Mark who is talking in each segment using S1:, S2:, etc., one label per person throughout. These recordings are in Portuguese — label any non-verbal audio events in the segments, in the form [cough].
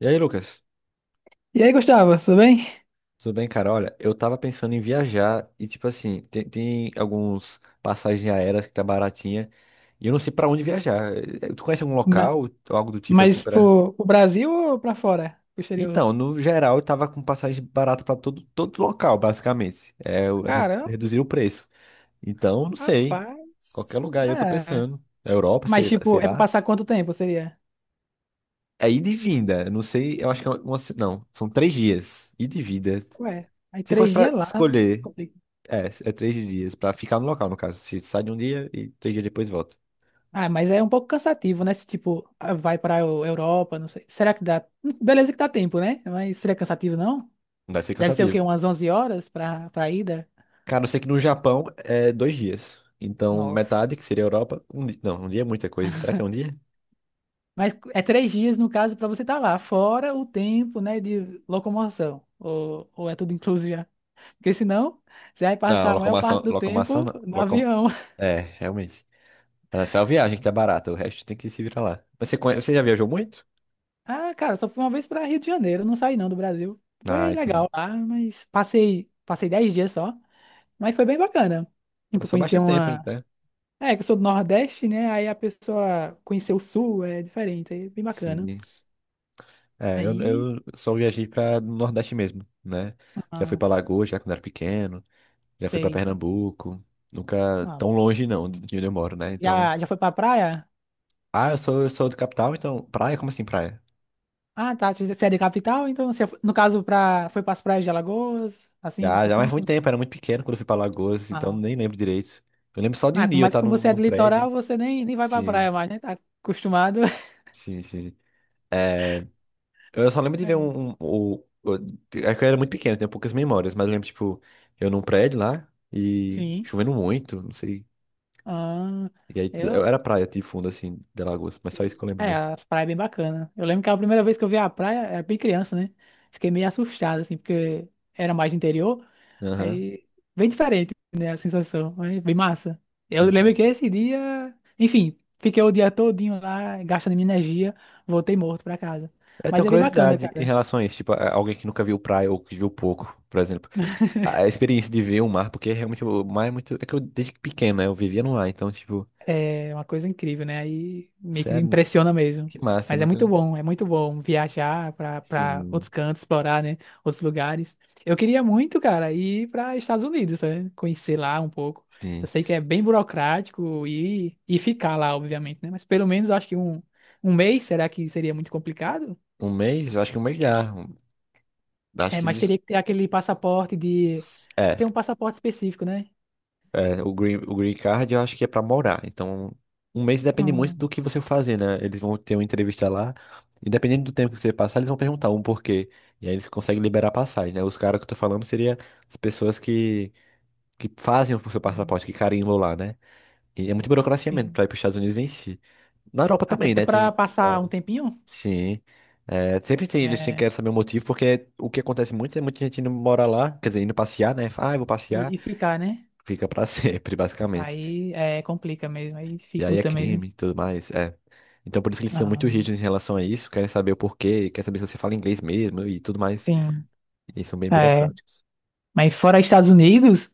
S1: E aí, Lucas?
S2: E aí, Gustavo, tudo bem?
S1: Tudo bem, cara? Olha, eu tava pensando em viajar e, tipo assim, tem alguns passagens aéreas que tá baratinha e eu não sei pra onde viajar. Tu conhece algum
S2: Ma-
S1: local ou algo do tipo assim
S2: Mas,
S1: pra.
S2: pro Brasil ou pra fora? Pro exterior?
S1: Então, no geral, eu tava com passagem barata pra todo local, basicamente. É, é
S2: Caramba,
S1: reduzir o preço. Então, não sei. Qualquer
S2: rapaz.
S1: lugar aí eu tô
S2: É.
S1: pensando. Europa,
S2: Mas,
S1: sei, lá-
S2: tipo,
S1: sei
S2: é pra
S1: lá.
S2: passar quanto tempo seria?
S1: É ida e vinda. Eu não sei, eu acho que é uma. Não, são 3 dias. Ida e vinda.
S2: Ué, aí
S1: Se fosse
S2: três
S1: pra
S2: dias lá.
S1: escolher.
S2: Complicado.
S1: É, 3 dias, pra ficar no local, no caso. Se sai de um dia e 3 dias depois volta.
S2: Ah, mas é um pouco cansativo, né? Se, tipo, ah, vai pra Europa, não sei. Será que dá? Beleza que dá tempo, né? Mas seria cansativo, não?
S1: Não deve ser
S2: Deve ser o
S1: cansativo.
S2: quê? Umas 11 horas pra ida?
S1: Cara, eu sei que no Japão é 2 dias. Então,
S2: Nossa.
S1: metade, que seria a Europa, um dia. Não, um dia é muita coisa. Será que é um dia?
S2: Mas é 3 dias, no caso, pra você estar lá, fora o tempo, né, de locomoção. Ou é tudo incluso já? Porque senão, você vai passar
S1: Não,
S2: a maior
S1: locomoção,
S2: parte do
S1: locomoção,
S2: tempo
S1: não.
S2: no
S1: Locom...
S2: avião. [laughs]
S1: É, realmente. Tá só a viagem que tá barata, o resto tem que se virar lá. Mas você já viajou muito?
S2: Ah, cara, só fui uma vez para Rio de Janeiro, não saí não do Brasil.
S1: Ah,
S2: Foi
S1: entendi.
S2: legal lá, mas passei 10 dias só, mas foi bem bacana. Tipo,
S1: Passou
S2: conhecer
S1: bastante tempo,
S2: uma.
S1: né?
S2: É, que eu sou do Nordeste, né? Aí a pessoa conhecer o Sul é diferente, aí é bem bacana.
S1: Sim. É, eu,
S2: Aí,
S1: eu só viajei pra Nordeste mesmo, né? Já fui
S2: ah,
S1: pra Lagoa, já quando era pequeno. Já fui pra
S2: sei.
S1: Pernambuco. Nunca
S2: Ah,
S1: tão longe, não, de onde eu moro, né? Então.
S2: já foi pra praia?
S1: Ah, eu sou do capital, então. Praia? Como assim, praia?
S2: Ah, tá. Você é de capital, então você, no caso, pra, foi pras praias de Alagoas, assim,
S1: Já,
S2: esses
S1: já, mas foi
S2: cantos?
S1: muito tempo, era muito pequeno quando eu fui pra Alagoas, então
S2: Ah,
S1: nem lembro direito. Eu lembro só de um
S2: Ah,
S1: dia eu
S2: mas
S1: estar
S2: como
S1: num,
S2: você é
S1: num
S2: do litoral,
S1: prédio.
S2: você nem vai pra
S1: Sim,
S2: praia mais, né? Tá acostumado. [laughs]
S1: sim, sim. É, eu só lembro de ver
S2: É.
S1: um. É que eu era muito pequeno, tenho poucas memórias, mas eu lembro, tipo, eu num prédio lá e
S2: Sim.
S1: chovendo muito, não sei.
S2: Ah,
S1: E aí
S2: eu.
S1: era praia de fundo, assim, de Alagoas, mas só isso que
S2: Sim.
S1: eu lembro
S2: É,
S1: mesmo.
S2: as praias é bem bacanas. Eu lembro que a primeira vez que eu vi a praia era bem criança, né? Fiquei meio assustado, assim, porque era mais de interior.
S1: Aham.
S2: Aí, bem diferente, né? A sensação. Mas bem massa. Eu lembro que
S1: Entendi.
S2: esse dia. Enfim, fiquei o dia todinho lá, gastando minha energia, voltei morto pra casa.
S1: Eu
S2: Mas
S1: tenho
S2: é bem bacana,
S1: curiosidade em
S2: cara.
S1: relação a isso, tipo, alguém que nunca viu praia ou que viu pouco, por exemplo. A experiência de ver o mar, porque realmente o mar é muito. É que eu desde pequeno, né? Eu vivia no mar, então, tipo,
S2: É uma coisa incrível, né? Aí meio que
S1: sério,
S2: impressiona mesmo.
S1: que massa, eu
S2: Mas
S1: nunca.
S2: é muito bom viajar para outros
S1: Sim.
S2: cantos, explorar, né? Outros lugares. Eu queria muito, cara, ir para Estados Unidos, né? Conhecer lá um pouco. Eu
S1: Sim.
S2: sei que é bem burocrático e ficar lá, obviamente, né? Mas pelo menos eu acho que um mês, será que seria muito complicado?
S1: Um mês? Eu acho que um mês já. Acho
S2: É,
S1: que
S2: mas teria
S1: eles.
S2: que ter aquele passaporte de.
S1: É,
S2: Tem um passaporte específico, né?
S1: é, o Green Card eu acho que é pra morar. Então, um mês depende muito
S2: Hum,
S1: do que você fazer, né? Eles vão ter uma entrevista lá. E dependendo do tempo que você passar, eles vão perguntar um porquê. E aí eles conseguem liberar a passagem, né? Os caras que eu tô falando seria as pessoas que fazem o seu
S2: hum,
S1: passaporte, que carimbam lá, né? E é muito burocracia mesmo
S2: sim.
S1: pra ir pros Estados Unidos em si. Na Europa
S2: Até
S1: também, né?
S2: para
S1: Tem. Vai.
S2: passar um tempinho,
S1: Sim. É, sempre tem, eles têm
S2: é,
S1: que saber o motivo, porque o que acontece muito é muita gente indo morar lá, quer dizer, indo passear, né? Ah, eu vou passear,
S2: e ficar, né?
S1: fica pra [laughs] sempre, basicamente.
S2: Aí é, complica mesmo, aí
S1: E aí é
S2: dificulta mesmo.
S1: crime e tudo mais, é. Então por isso que eles são
S2: Ah,
S1: muito rígidos em relação a isso, querem saber o porquê, querem saber se você fala inglês mesmo e tudo mais.
S2: sim.
S1: E são bem
S2: É.
S1: burocráticos.
S2: Mas fora Estados Unidos,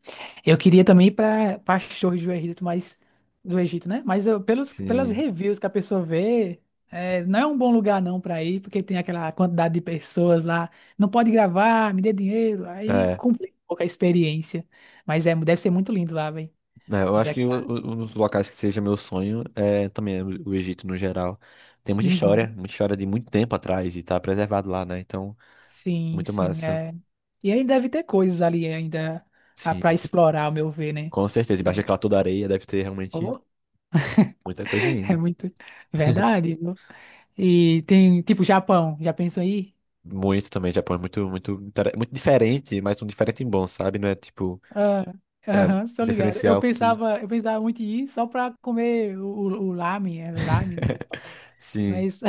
S2: eu queria também ir para as torres do Egito, mas do Egito, né? Pelas
S1: Sim.
S2: reviews que a pessoa vê, é, não é um bom lugar não para ir, porque tem aquela quantidade de pessoas lá, não pode gravar, me dê dinheiro, aí
S1: É.
S2: complica um pouco a experiência. Mas é, deve ser muito lindo lá, velho.
S1: né, eu
S2: Ver
S1: acho que o-
S2: aquela.
S1: o- um dos locais que seja meu sonho é também o Egito no geral. Tem
S2: Uhum.
S1: muita história de muito tempo atrás e tá preservado lá, né? Então,
S2: Sim,
S1: muito
S2: sim,
S1: massa.
S2: é. E aí deve ter coisas ali ainda para
S1: Sim,
S2: explorar, ao meu ver, né?
S1: com certeza. Embaixo
S2: Que,
S1: daquela toda areia deve ter realmente
S2: oh,
S1: muita coisa
S2: [laughs] é
S1: ainda.
S2: muito
S1: [laughs]
S2: verdade, viu? E tem, tipo, Japão, já pensou aí?
S1: Muito também, Japão é muito, muito diferente, mas um diferente bom, sabe? Não é tipo,
S2: Ah,
S1: sei lá, um
S2: aham, estou ligado. Eu
S1: diferencial que.
S2: pensava, eu pensava muito em ir só para comer o ramen, é ramen, não sei qual é o nome.
S1: [laughs] Sim,
S2: Mas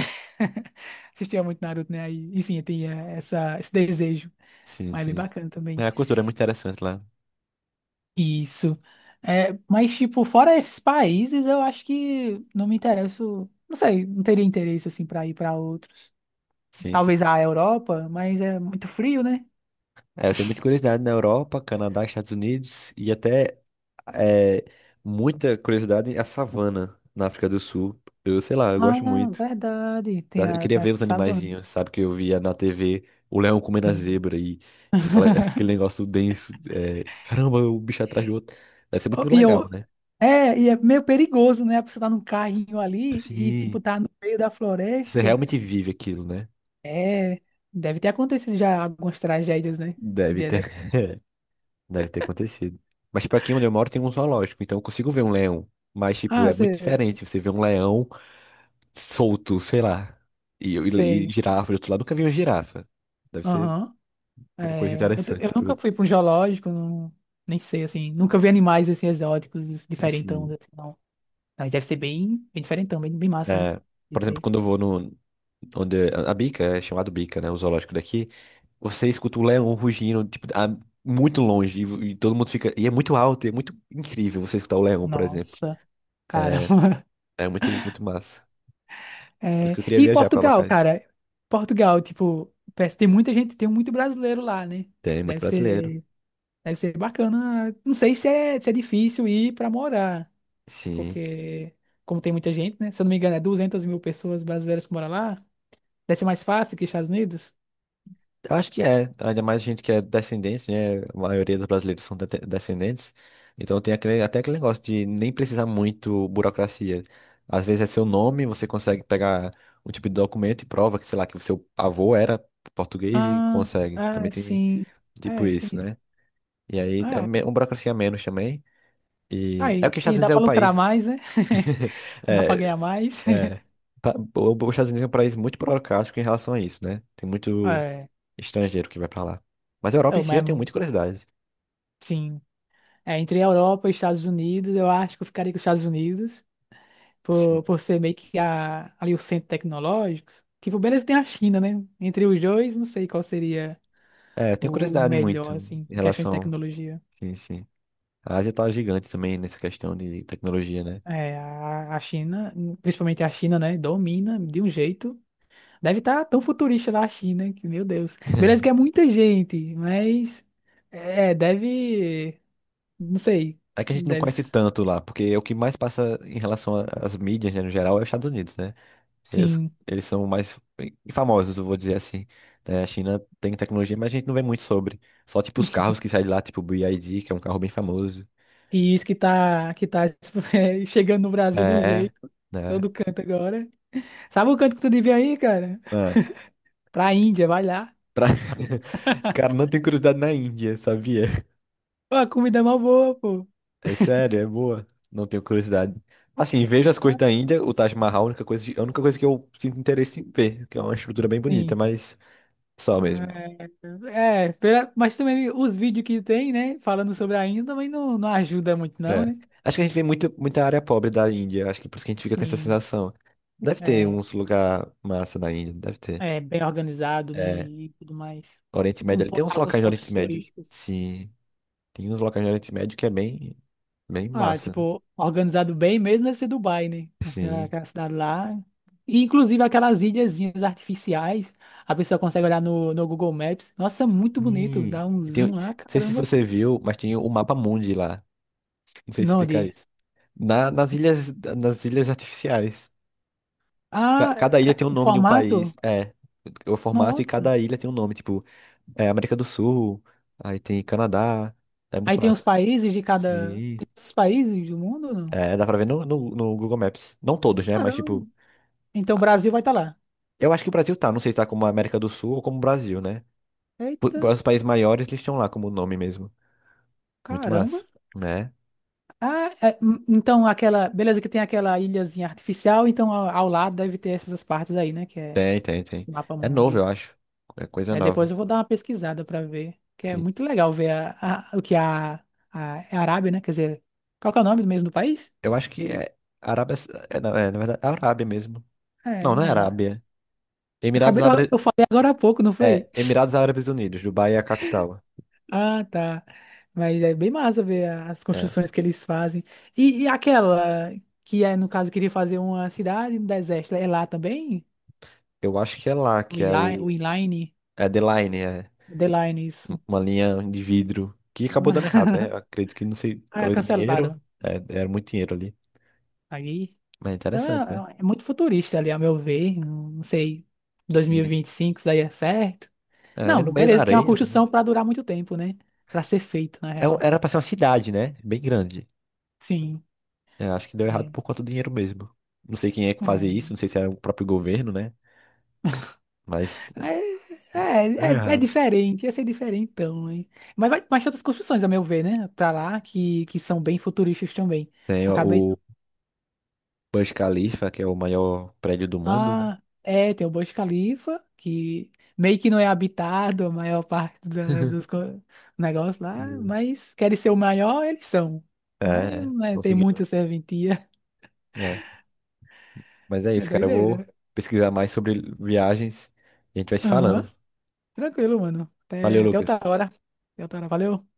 S2: [laughs] assistia muito Naruto, né? Aí, enfim, eu tinha esse desejo,
S1: sim,
S2: mas é bem
S1: sim.
S2: bacana também.
S1: É, a cultura é muito interessante lá.
S2: Isso. É, mas, tipo, fora esses países, eu acho que não me interesso. Não sei, não teria interesse, assim, pra ir pra outros.
S1: Sim, sim.
S2: Talvez a Europa, mas é muito frio, né?
S1: É, eu tenho muita curiosidade na Europa, Canadá, Estados Unidos e até é, muita curiosidade em a savana na África do Sul. Eu sei lá, eu gosto
S2: Ah,
S1: muito.
S2: verdade. Tem
S1: Eu
S2: a,
S1: queria
S2: tem a
S1: ver os
S2: savana.
S1: animaizinhos, sabe? Que eu via na TV o leão comendo a
S2: Sim.
S1: zebra e [laughs] aquele negócio denso. É, caramba, o bicho atrás do outro. Deve ser
S2: Oh,
S1: muito legal, né?
S2: E é meio perigoso, né? A pessoa tá num carrinho ali e,
S1: Sim.
S2: tipo, tá no meio da
S1: Você
S2: floresta.
S1: realmente vive aquilo, né?
S2: É, deve ter acontecido já algumas tragédias, né?
S1: Deve
S2: De-
S1: ter,
S2: dessa-
S1: [laughs] deve ter acontecido. Mas, tipo, aqui onde eu moro tem um zoológico, então eu consigo ver um leão. Mas, tipo,
S2: Ah,
S1: é muito
S2: sei,
S1: diferente você ver um leão solto, sei lá. E
S2: sei.
S1: girafa do outro lado, nunca vi uma girafa. Deve ser
S2: Aham.
S1: uma coisa
S2: É, eu, t-
S1: interessante.
S2: eu
S1: Tipo,
S2: nunca fui para um zoológico, nem sei, assim. Nunca vi animais, assim, exóticos, diferentão,
S1: assim,
S2: assim, não. Mas deve ser bem, bem diferentão, bem, bem massa, né?
S1: é,
S2: De
S1: por exemplo,
S2: ver.
S1: quando eu vou no. Onde a Bica, é chamado Bica, né? O zoológico daqui. Você escuta o leão rugindo, tipo, muito longe. E todo mundo fica. E é muito alto, e é muito incrível você escutar o leão, por exemplo.
S2: Nossa, cara.
S1: É,
S2: [laughs]
S1: é, muito, muito massa. Por isso
S2: É,
S1: que eu queria
S2: e
S1: viajar pra
S2: Portugal,
S1: locais.
S2: cara? Portugal, tipo, parece que tem muita gente, tem muito brasileiro lá, né?
S1: Tem muito
S2: Deve
S1: brasileiro.
S2: ser, deve ser bacana. Não sei se é difícil ir para morar,
S1: Sim.
S2: porque, como tem muita gente, né? Se eu não me engano, é 200 mil pessoas brasileiras que moram lá. Deve ser mais fácil que Estados Unidos.
S1: Eu acho que é. Ainda mais gente que é descendente, né? A maioria dos brasileiros são descendentes. Então tem aquele, até aquele negócio de nem precisar muito burocracia. Às vezes é seu nome, você consegue pegar um tipo de documento e prova que, sei lá, que o seu avô era português e
S2: Ah,
S1: consegue.
S2: é,
S1: Também tem
S2: sim.
S1: tipo
S2: É, tem
S1: isso,
S2: isso.
S1: né? E aí é
S2: É.
S1: uma burocracia a menos também. E é
S2: Aí,
S1: porque os Estados
S2: e
S1: Unidos
S2: dá
S1: é
S2: pra
S1: o
S2: lucrar
S1: país.
S2: mais, né? [laughs]
S1: [laughs]
S2: Dá pra
S1: É,
S2: ganhar mais.
S1: é.
S2: [laughs]
S1: Os Estados Unidos é um país muito burocrático em relação a isso, né? Tem muito
S2: É,
S1: estrangeiro que vai pra lá. Mas a Europa em
S2: eu
S1: si eu tenho
S2: mesmo,
S1: muita curiosidade.
S2: sim. É, entre a Europa e Estados Unidos, eu acho que eu ficaria com os Estados Unidos,
S1: Sim.
S2: por ser meio que a, ali o centro tecnológico. Tipo, beleza, tem a China, né? Entre os dois, não sei qual seria
S1: É, eu tenho
S2: o
S1: curiosidade
S2: melhor,
S1: muito
S2: assim,
S1: em
S2: em questão de
S1: relação.
S2: tecnologia.
S1: Sim, sim. A Ásia tá gigante também nessa questão de tecnologia, né?
S2: É, a China, principalmente a China, né, domina de um jeito. Deve estar tão futurista lá a China, que, meu Deus. Beleza que
S1: [laughs]
S2: é muita gente, mas é, deve, não sei,
S1: É que a gente não
S2: deve
S1: conhece tanto lá, porque o que mais passa em relação às mídias, né, no geral, é os Estados Unidos, né? Eles,
S2: sim.
S1: eles são mais famosos, eu vou dizer assim. Né? A China tem tecnologia, mas a gente não vê muito sobre. Só, tipo, os carros que saem de lá, tipo o BYD, que é um carro bem famoso.
S2: E isso que tá, [laughs] é, chegando no Brasil de um
S1: É,
S2: jeito,
S1: né?
S2: todo canto agora. Sabe o canto que tu devia ir, cara?
S1: Ah,
S2: Pra Índia, vai lá.
S1: pra... [laughs] Cara, não tem curiosidade na Índia, sabia?
S2: Pô, a comida é mó boa, pô.
S1: É sério, é boa. Não tenho curiosidade. Assim, vejo as coisas da Índia, o Taj Mahal, a única coisa que eu sinto interesse em ver, que é uma estrutura bem bonita,
S2: Sim.
S1: mas só mesmo.
S2: Pela- mas também os vídeos que tem, né, falando sobre a Índia também não ajuda muito não,
S1: É.
S2: né?
S1: Acho que a gente vê muito, muita área pobre da Índia, acho que por isso que a gente fica com essa
S2: Sim,
S1: sensação. Deve ter
S2: é,
S1: uns lugar massa na Índia, deve ter.
S2: é bem organizado, né,
S1: É,
S2: e tudo mais.
S1: Oriente Médio, ali tem uns
S2: Alguns
S1: locais no Oriente
S2: pontos
S1: Médio.
S2: turísticos.
S1: Sim, tem uns locais no Oriente Médio que é bem, bem
S2: Ah,
S1: massa.
S2: tipo, organizado bem mesmo deve ser Dubai, né? Aquela,
S1: Sim.
S2: aquela cidade lá. E, inclusive aquelas ilhazinhas artificiais, a pessoa consegue olhar no Google Maps. Nossa, muito bonito,
S1: Hum.
S2: dá um
S1: E tem, não
S2: zoom lá,
S1: sei se
S2: caramba.
S1: você viu, mas tem o Mapa Mundi lá. Não sei
S2: Não,
S1: explicar
S2: de...
S1: isso. Nas ilhas artificiais.
S2: Ah,
S1: Cada ilha
S2: é,
S1: tem o
S2: o
S1: nome de um
S2: formato?
S1: país. É, o formato e
S2: Nossa.
S1: cada ilha tem um nome. Tipo, é, América do Sul, aí tem Canadá. É
S2: Aí
S1: muito
S2: tem os
S1: massa.
S2: países de cada.
S1: Sim.
S2: Tem os países do mundo ou não?
S1: É, dá pra ver no Google Maps. Não todos, né? Mas,
S2: Caramba.
S1: tipo,
S2: Então o Brasil vai estar lá.
S1: eu acho que o Brasil tá. Não sei se tá como América do Sul ou como Brasil, né?
S2: Eita,
S1: Os países maiores, eles estão lá como nome mesmo. Muito
S2: caramba.
S1: massa, né?
S2: Ah, é, então aquela. Beleza, que tem aquela ilhazinha artificial, então ao lado deve ter essas partes aí, né? Que é
S1: Tem, tem, tem.
S2: esse mapa
S1: É novo, eu
S2: mundi.
S1: acho. É coisa
S2: Aí depois
S1: nova.
S2: eu vou dar uma pesquisada para ver. Que é
S1: Sim.
S2: muito legal ver o que é a Arábia, né? Quer dizer, qual que é o nome mesmo do país?
S1: Eu acho que é Arábia. É, não, é, na verdade, é Arábia mesmo.
S2: É,
S1: Não, não
S2: né?
S1: é Arábia.
S2: Eu,
S1: Emirados
S2: acabei, eu,
S1: Árabes,
S2: eu falei agora há pouco, não foi?
S1: é, Emirados Árabes Unidos, Dubai é a capital.
S2: Ah, tá. Mas é bem massa ver as
S1: É,
S2: construções que eles fazem. E aquela que é, no caso, queria fazer uma cidade no deserto, é lá também?
S1: eu acho que é lá,
S2: O
S1: que é
S2: inline, o
S1: o.
S2: inline,
S1: É The Line, é
S2: The Line, isso.
S1: uma linha de vidro. Que acabou dando
S2: [laughs]
S1: errado, né? Eu acredito que não sei,
S2: Ah,
S1: talvez o
S2: cancelaram.
S1: dinheiro. É, era muito dinheiro ali.
S2: Aí.
S1: Mas é
S2: Então
S1: interessante, né?
S2: é muito futurista ali, a meu ver. Não sei, dois mil não sei,
S1: Sim.
S2: 2025 isso aí é certo.
S1: É,
S2: Não,
S1: no meio da
S2: beleza, que é uma
S1: areia também.
S2: construção para durar muito tempo, né? Para ser feito, na
S1: É um-
S2: real.
S1: era pra ser uma cidade, né? Bem grande.
S2: Sim.
S1: É, acho que deu
S2: É.
S1: errado por conta do dinheiro mesmo. Não sei quem é que fazia
S2: é.
S1: isso, não sei se era o próprio governo, né? Mas é,
S2: É,
S1: deu
S2: é, é,
S1: errado.
S2: diferente, ia ser diferente então, hein? Mas tem outras construções, a meu ver, né? Pra lá, que são bem futuristas também.
S1: Tem o
S2: Acabei.
S1: o Burj Khalifa, que é o maior prédio do mundo, né?
S2: Ah, é, tem o Burj Khalifa, que meio que não é habitado a maior parte dos negócios lá,
S1: Sim.
S2: mas querem ser o maior, eles são.
S1: É,
S2: Mas
S1: é,
S2: não é-
S1: não
S2: tem
S1: seguiram.
S2: muita serventia.
S1: É. Mas é
S2: [laughs] É
S1: isso, cara. Eu vou
S2: doideira.
S1: pesquisar mais sobre viagens e a gente vai se falando.
S2: Aham, tranquilo, mano.
S1: Valeu,
S2: Até outra
S1: Lucas.
S2: hora. Até outra hora, valeu.